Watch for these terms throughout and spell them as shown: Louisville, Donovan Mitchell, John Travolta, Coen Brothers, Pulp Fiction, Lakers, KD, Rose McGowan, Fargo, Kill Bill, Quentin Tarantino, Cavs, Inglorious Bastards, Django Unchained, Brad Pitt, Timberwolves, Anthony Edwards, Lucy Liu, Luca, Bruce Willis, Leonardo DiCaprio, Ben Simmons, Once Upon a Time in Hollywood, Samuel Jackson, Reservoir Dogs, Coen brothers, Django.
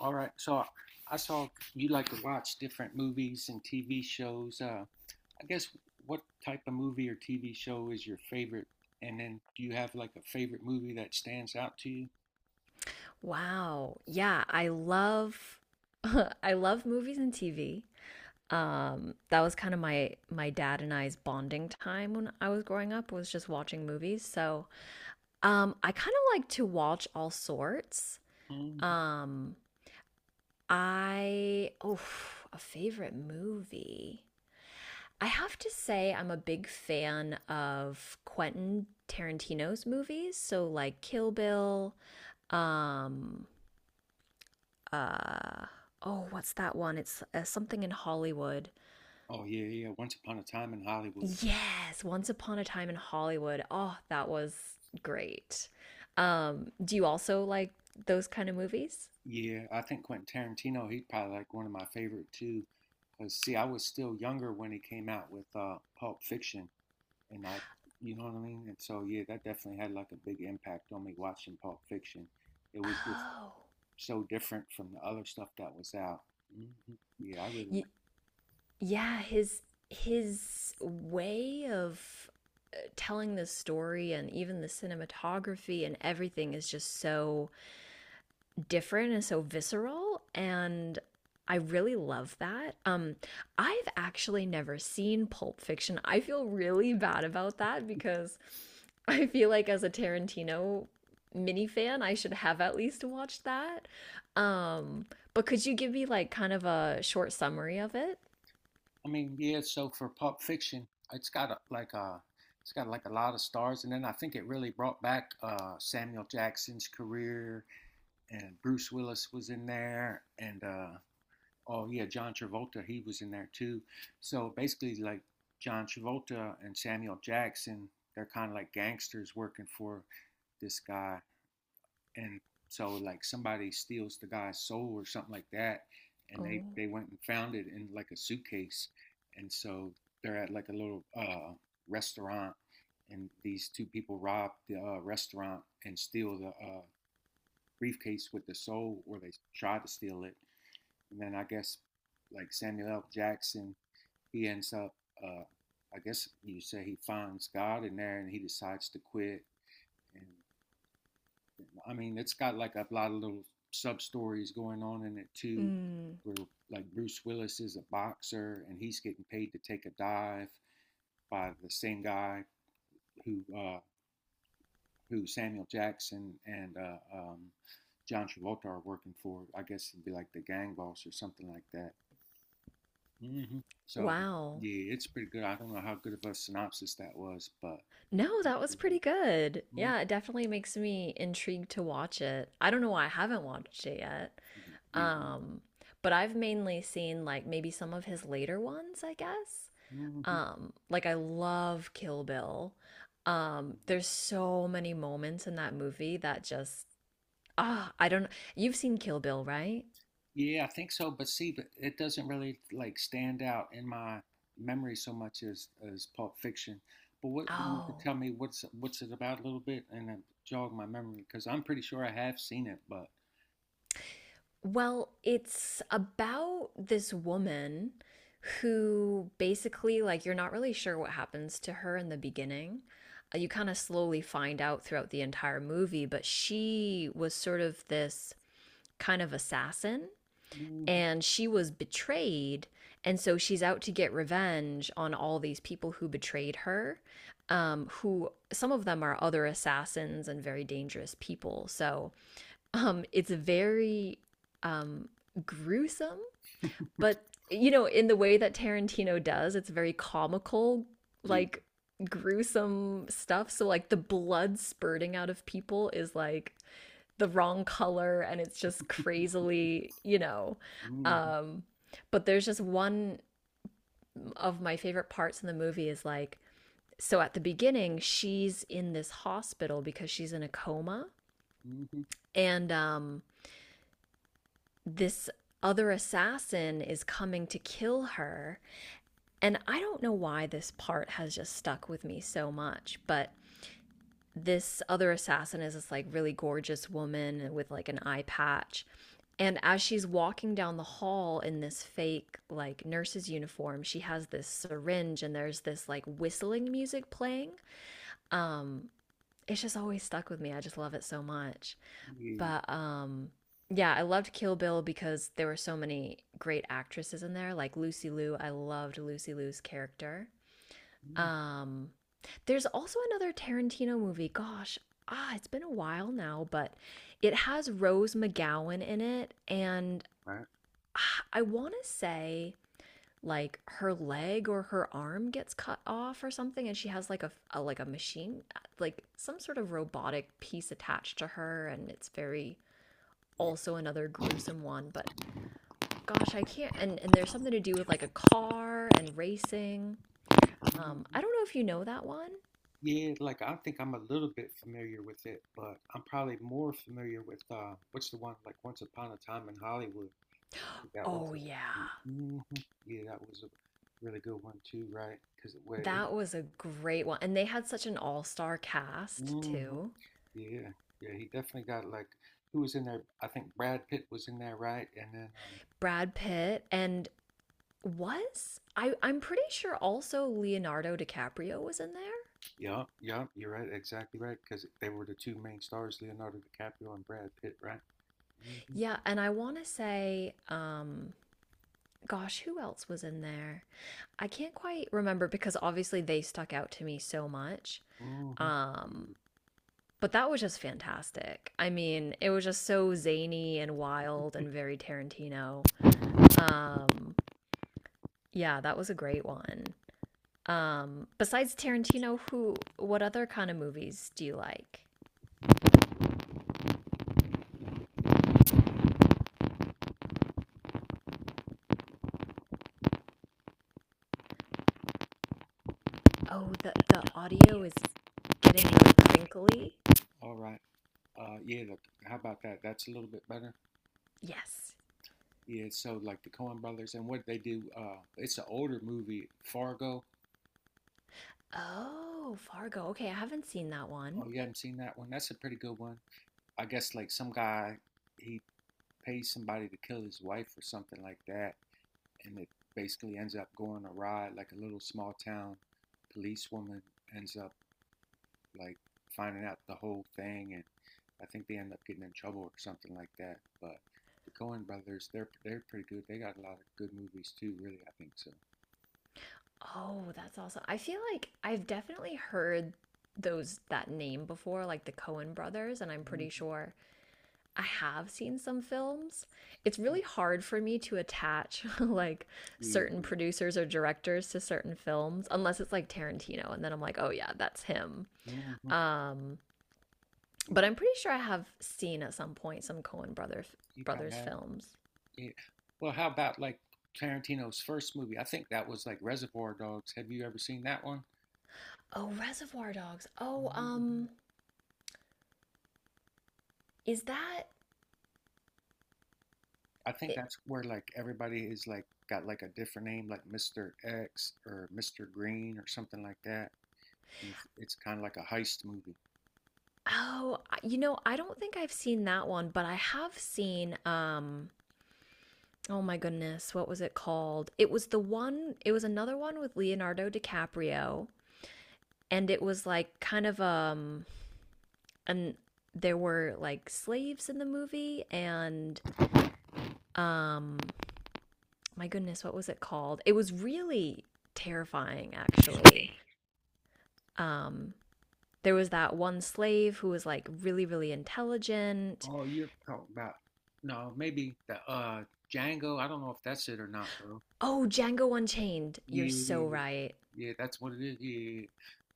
All right. Saw you like to watch different movies and TV shows. I guess what type of movie or TV show is your favorite? And then do you have like a favorite movie that stands out to you? Wow. Yeah, I love I love movies and TV. That was kind of my dad and I's bonding time when I was growing up was just watching movies. So, I kind of like to watch all sorts. Hmm Um, I oh, a favorite movie. I have to say I'm a big fan of Quentin Tarantino's movies, so like Kill Bill, um uh oh what's that one, it's something in Hollywood? Oh yeah, yeah. Once Upon a Time in Hollywood. Yes, Once Upon a Time in Hollywood. Oh, that was great. Um, do you also like those kind of movies? Yeah, I think Quentin Tarantino, he's probably like one of my favorite too. Because see, I was still younger when he came out with Pulp Fiction, and I, you know what I mean? And so yeah, that definitely had like a big impact on me watching Pulp Fiction. It was just Oh, so different from the other stuff that was out. Hmm Yeah, I really y- like. yeah, his way of telling the story and even the cinematography and everything is just so different and so visceral, and I really love that. I've actually never seen Pulp Fiction. I feel really bad about that because I feel like as a Tarantino mini fan, I should have at least watched that. Um but could you give me like kind of a short summary of it? I mean, yeah. So for Pulp Fiction, it's got a, like a, it's got like a lot of stars, and then I think it really brought back Samuel Jackson's career, and Bruce Willis was in there, and oh yeah, John Travolta he was in there too. So basically, like John Travolta and Samuel Jackson, they're kind of like gangsters working for this guy, and so like somebody steals the guy's soul or something like that, and they Oh. they went and found it in like a suitcase, and so they're at like a little restaurant, and these two people rob the restaurant and steal the briefcase with the soul, or they try to steal it, and then I guess like Samuel L. Jackson, he ends up. Uh, I guess you say he finds God in there and he decides to quit, and I mean, it's got like a lot of little sub stories going on in it too, Mm. where like Bruce Willis is a boxer and he's getting paid to take a dive by the same guy who uh, who Samuel Jackson and John Travolta are working for. I guess it'd be like the gang boss or something like that. Hmm So Wow. yeah, it's pretty good. I don't know how good of a synopsis that was, but. No, that was pretty good. Mhm. Yeah, it definitely makes me intrigued to watch it. I don't know why I haven't watched it yet. Yeah. Um, but I've mainly seen like maybe some of his later ones, I guess. Mhm. Like I love Kill Bill. There's so many moments in that movie that just I don't... You've seen Kill Bill, right? Yeah, I think so. But see, but it doesn't really like stand out in my memory so much as Pulp Fiction. But what you could Oh. tell me what's it about a little bit and then jog my memory because I'm pretty sure I have seen it. But Well, it's about this woman who basically like you're not really sure what happens to her in the beginning. You kind of slowly find out throughout the entire movie, but she was sort of this kind of assassin, mhm, and she was betrayed, and so she's out to get revenge on all these people who betrayed her, who some of them are other assassins and very dangerous people. So, it's very, um, gruesome, but you know, in the way that Tarantino does, it's very comical, yeah, like gruesome stuff. So like the blood spurting out of people is like the wrong color, and it's just crazily, you know. hmm Um, but there's just one of my favorite parts in the movie is like, so at the beginning, she's in this hospital because she's in a coma, hmm and this other assassin is coming to kill her. And I don't know why this part has just stuck with me so much, but this other assassin is this like really gorgeous woman with like an eye patch. And as she's walking down the hall in this fake like nurse's uniform, she has this syringe and there's this like whistling music playing. Um it's just always stuck with me. I just love it so much. yeah, But yeah, I loved Kill Bill because there were so many great actresses in there. Like Lucy Liu, I loved Lucy Liu's character. hmm Um, there's also another Tarantino movie. Gosh, it's been a while now, but it has Rose McGowan in it, and I want to say like her leg or her arm gets cut off or something, and she has like a like a machine, like some sort of robotic piece attached to her, and it's very also another gruesome one. But gosh, I can't. And there's something to do with like a car and racing. right. I don't know if you know that one. Yeah, like I think I'm a little bit familiar with it, but I'm probably more familiar with what's the one like Once Upon a Time in Hollywood. I think that was Oh a, yeah. hmm yeah, that was a really good one too, right? Because it was, That was a great one. And they had such an all-star cast hmm too. yeah, yeah, he definitely got like who was in there? I think Brad Pitt was in there, right? Brad Pitt, and was I'm pretty sure also Leonardo DiCaprio was in there. Yeah, yeah, you're right, exactly right, because they were the two main stars, Leonardo DiCaprio and Brad Pitt, right? hmm Yeah, and I want to say, gosh, who else was in there? I can't quite remember because obviously they stuck out to me so much. hmm Um Yeah. but that was just fantastic. I mean, it was just so zany and wild and very Tarantino. Um yeah, that was a great one. Besides Tarantino, who what other kind of movies do you like? Oh, the audio is getting really crinkly. All right. Yeah, look, how about that? That's a little bit better. Yes. Yeah, so like the Coen brothers and what they do, it's an older movie, Fargo. Oh, Fargo. Okay, I haven't seen that one. Oh, you haven't seen that one? That's a pretty good one. I guess like some guy, he pays somebody to kill his wife or something like that, and it basically ends up going awry. Like a little small town policewoman ends up like finding out the whole thing, and I think they end up getting in trouble or something like that. But the Coen brothers, they're pretty good. They got a lot of good movies too, really. I think so. Oh, that's awesome. I feel like I've definitely heard those that name before, like the Coen brothers, and I'm pretty Mhm. sure I have seen some films. It's really hard for me to attach like Yeah. certain producers or directors to certain films unless it's like Tarantino, and then I'm like, "Oh yeah, that's him." Mhm. Um, but Yeah. I'm pretty sure I have seen at some point some Coen You probably brothers have. films. Yeah. Well, how about like Tarantino's first movie? I think that was like Reservoir Dogs. Have you ever seen that one? Oh, Reservoir Dogs. Oh, Mhm. um, is that I think it? that's where like everybody is like got like a different name, like Mr. X or Mr. Green or something like that. And it's kind of like a heist movie. Oh, you know, I don't think I've seen that one, but I have seen, oh my goodness, what was it called? It was another one with Leonardo DiCaprio, and it was like kind of, and there were like slaves in the movie, and um my goodness, what was it called? It was really terrifying, actually. Um there was that one slave who was like really intelligent. Oh, you're talking about no, maybe the Django. I don't know if that's it or not though. Oh, Django Unchained. You're Yeah, so right. yeah, that's what it is. Yeah,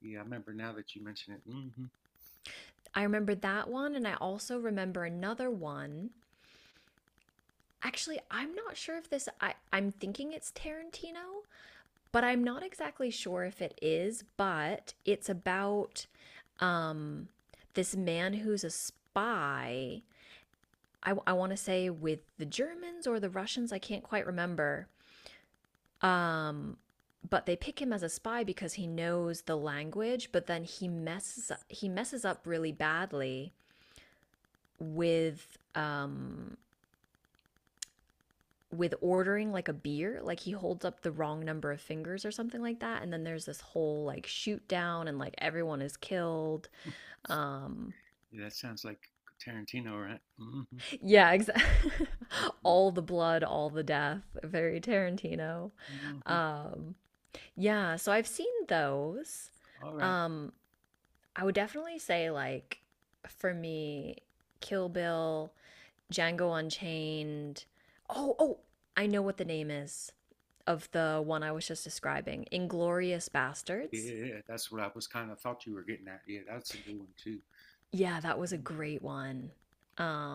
yeah, I remember now that you mention it. Hmm I remember that one, and I also remember another one. Actually, I'm not sure if this... I'm thinking it's Tarantino, but I'm not exactly sure if it is, but it's about, um this man who's a spy. I want to say with the Germans or the Russians, I can't quite remember. Um but they pick him as a spy because he knows the language, but then he messes up really badly with, um, ordering like a beer, like he holds up the wrong number of fingers or something like that, and then there's this whole like shoot down and like everyone is killed. Um Yeah, that sounds like Tarantino, right? hmm yeah, exactly. Mm-hmm. All the blood, all the death, very Tarantino. Mm-hmm. Um yeah, so I've seen those. All right. Um I would definitely say like for me Kill Bill, Django Unchained. Oh, I know what the name is of the one I was just describing: Inglorious Yeah, Bastards. yeah, yeah, that's what I was kind of thought you were getting at. Yeah, that's a good one too. Yeah, that was a great Mm-hmm. one. Um,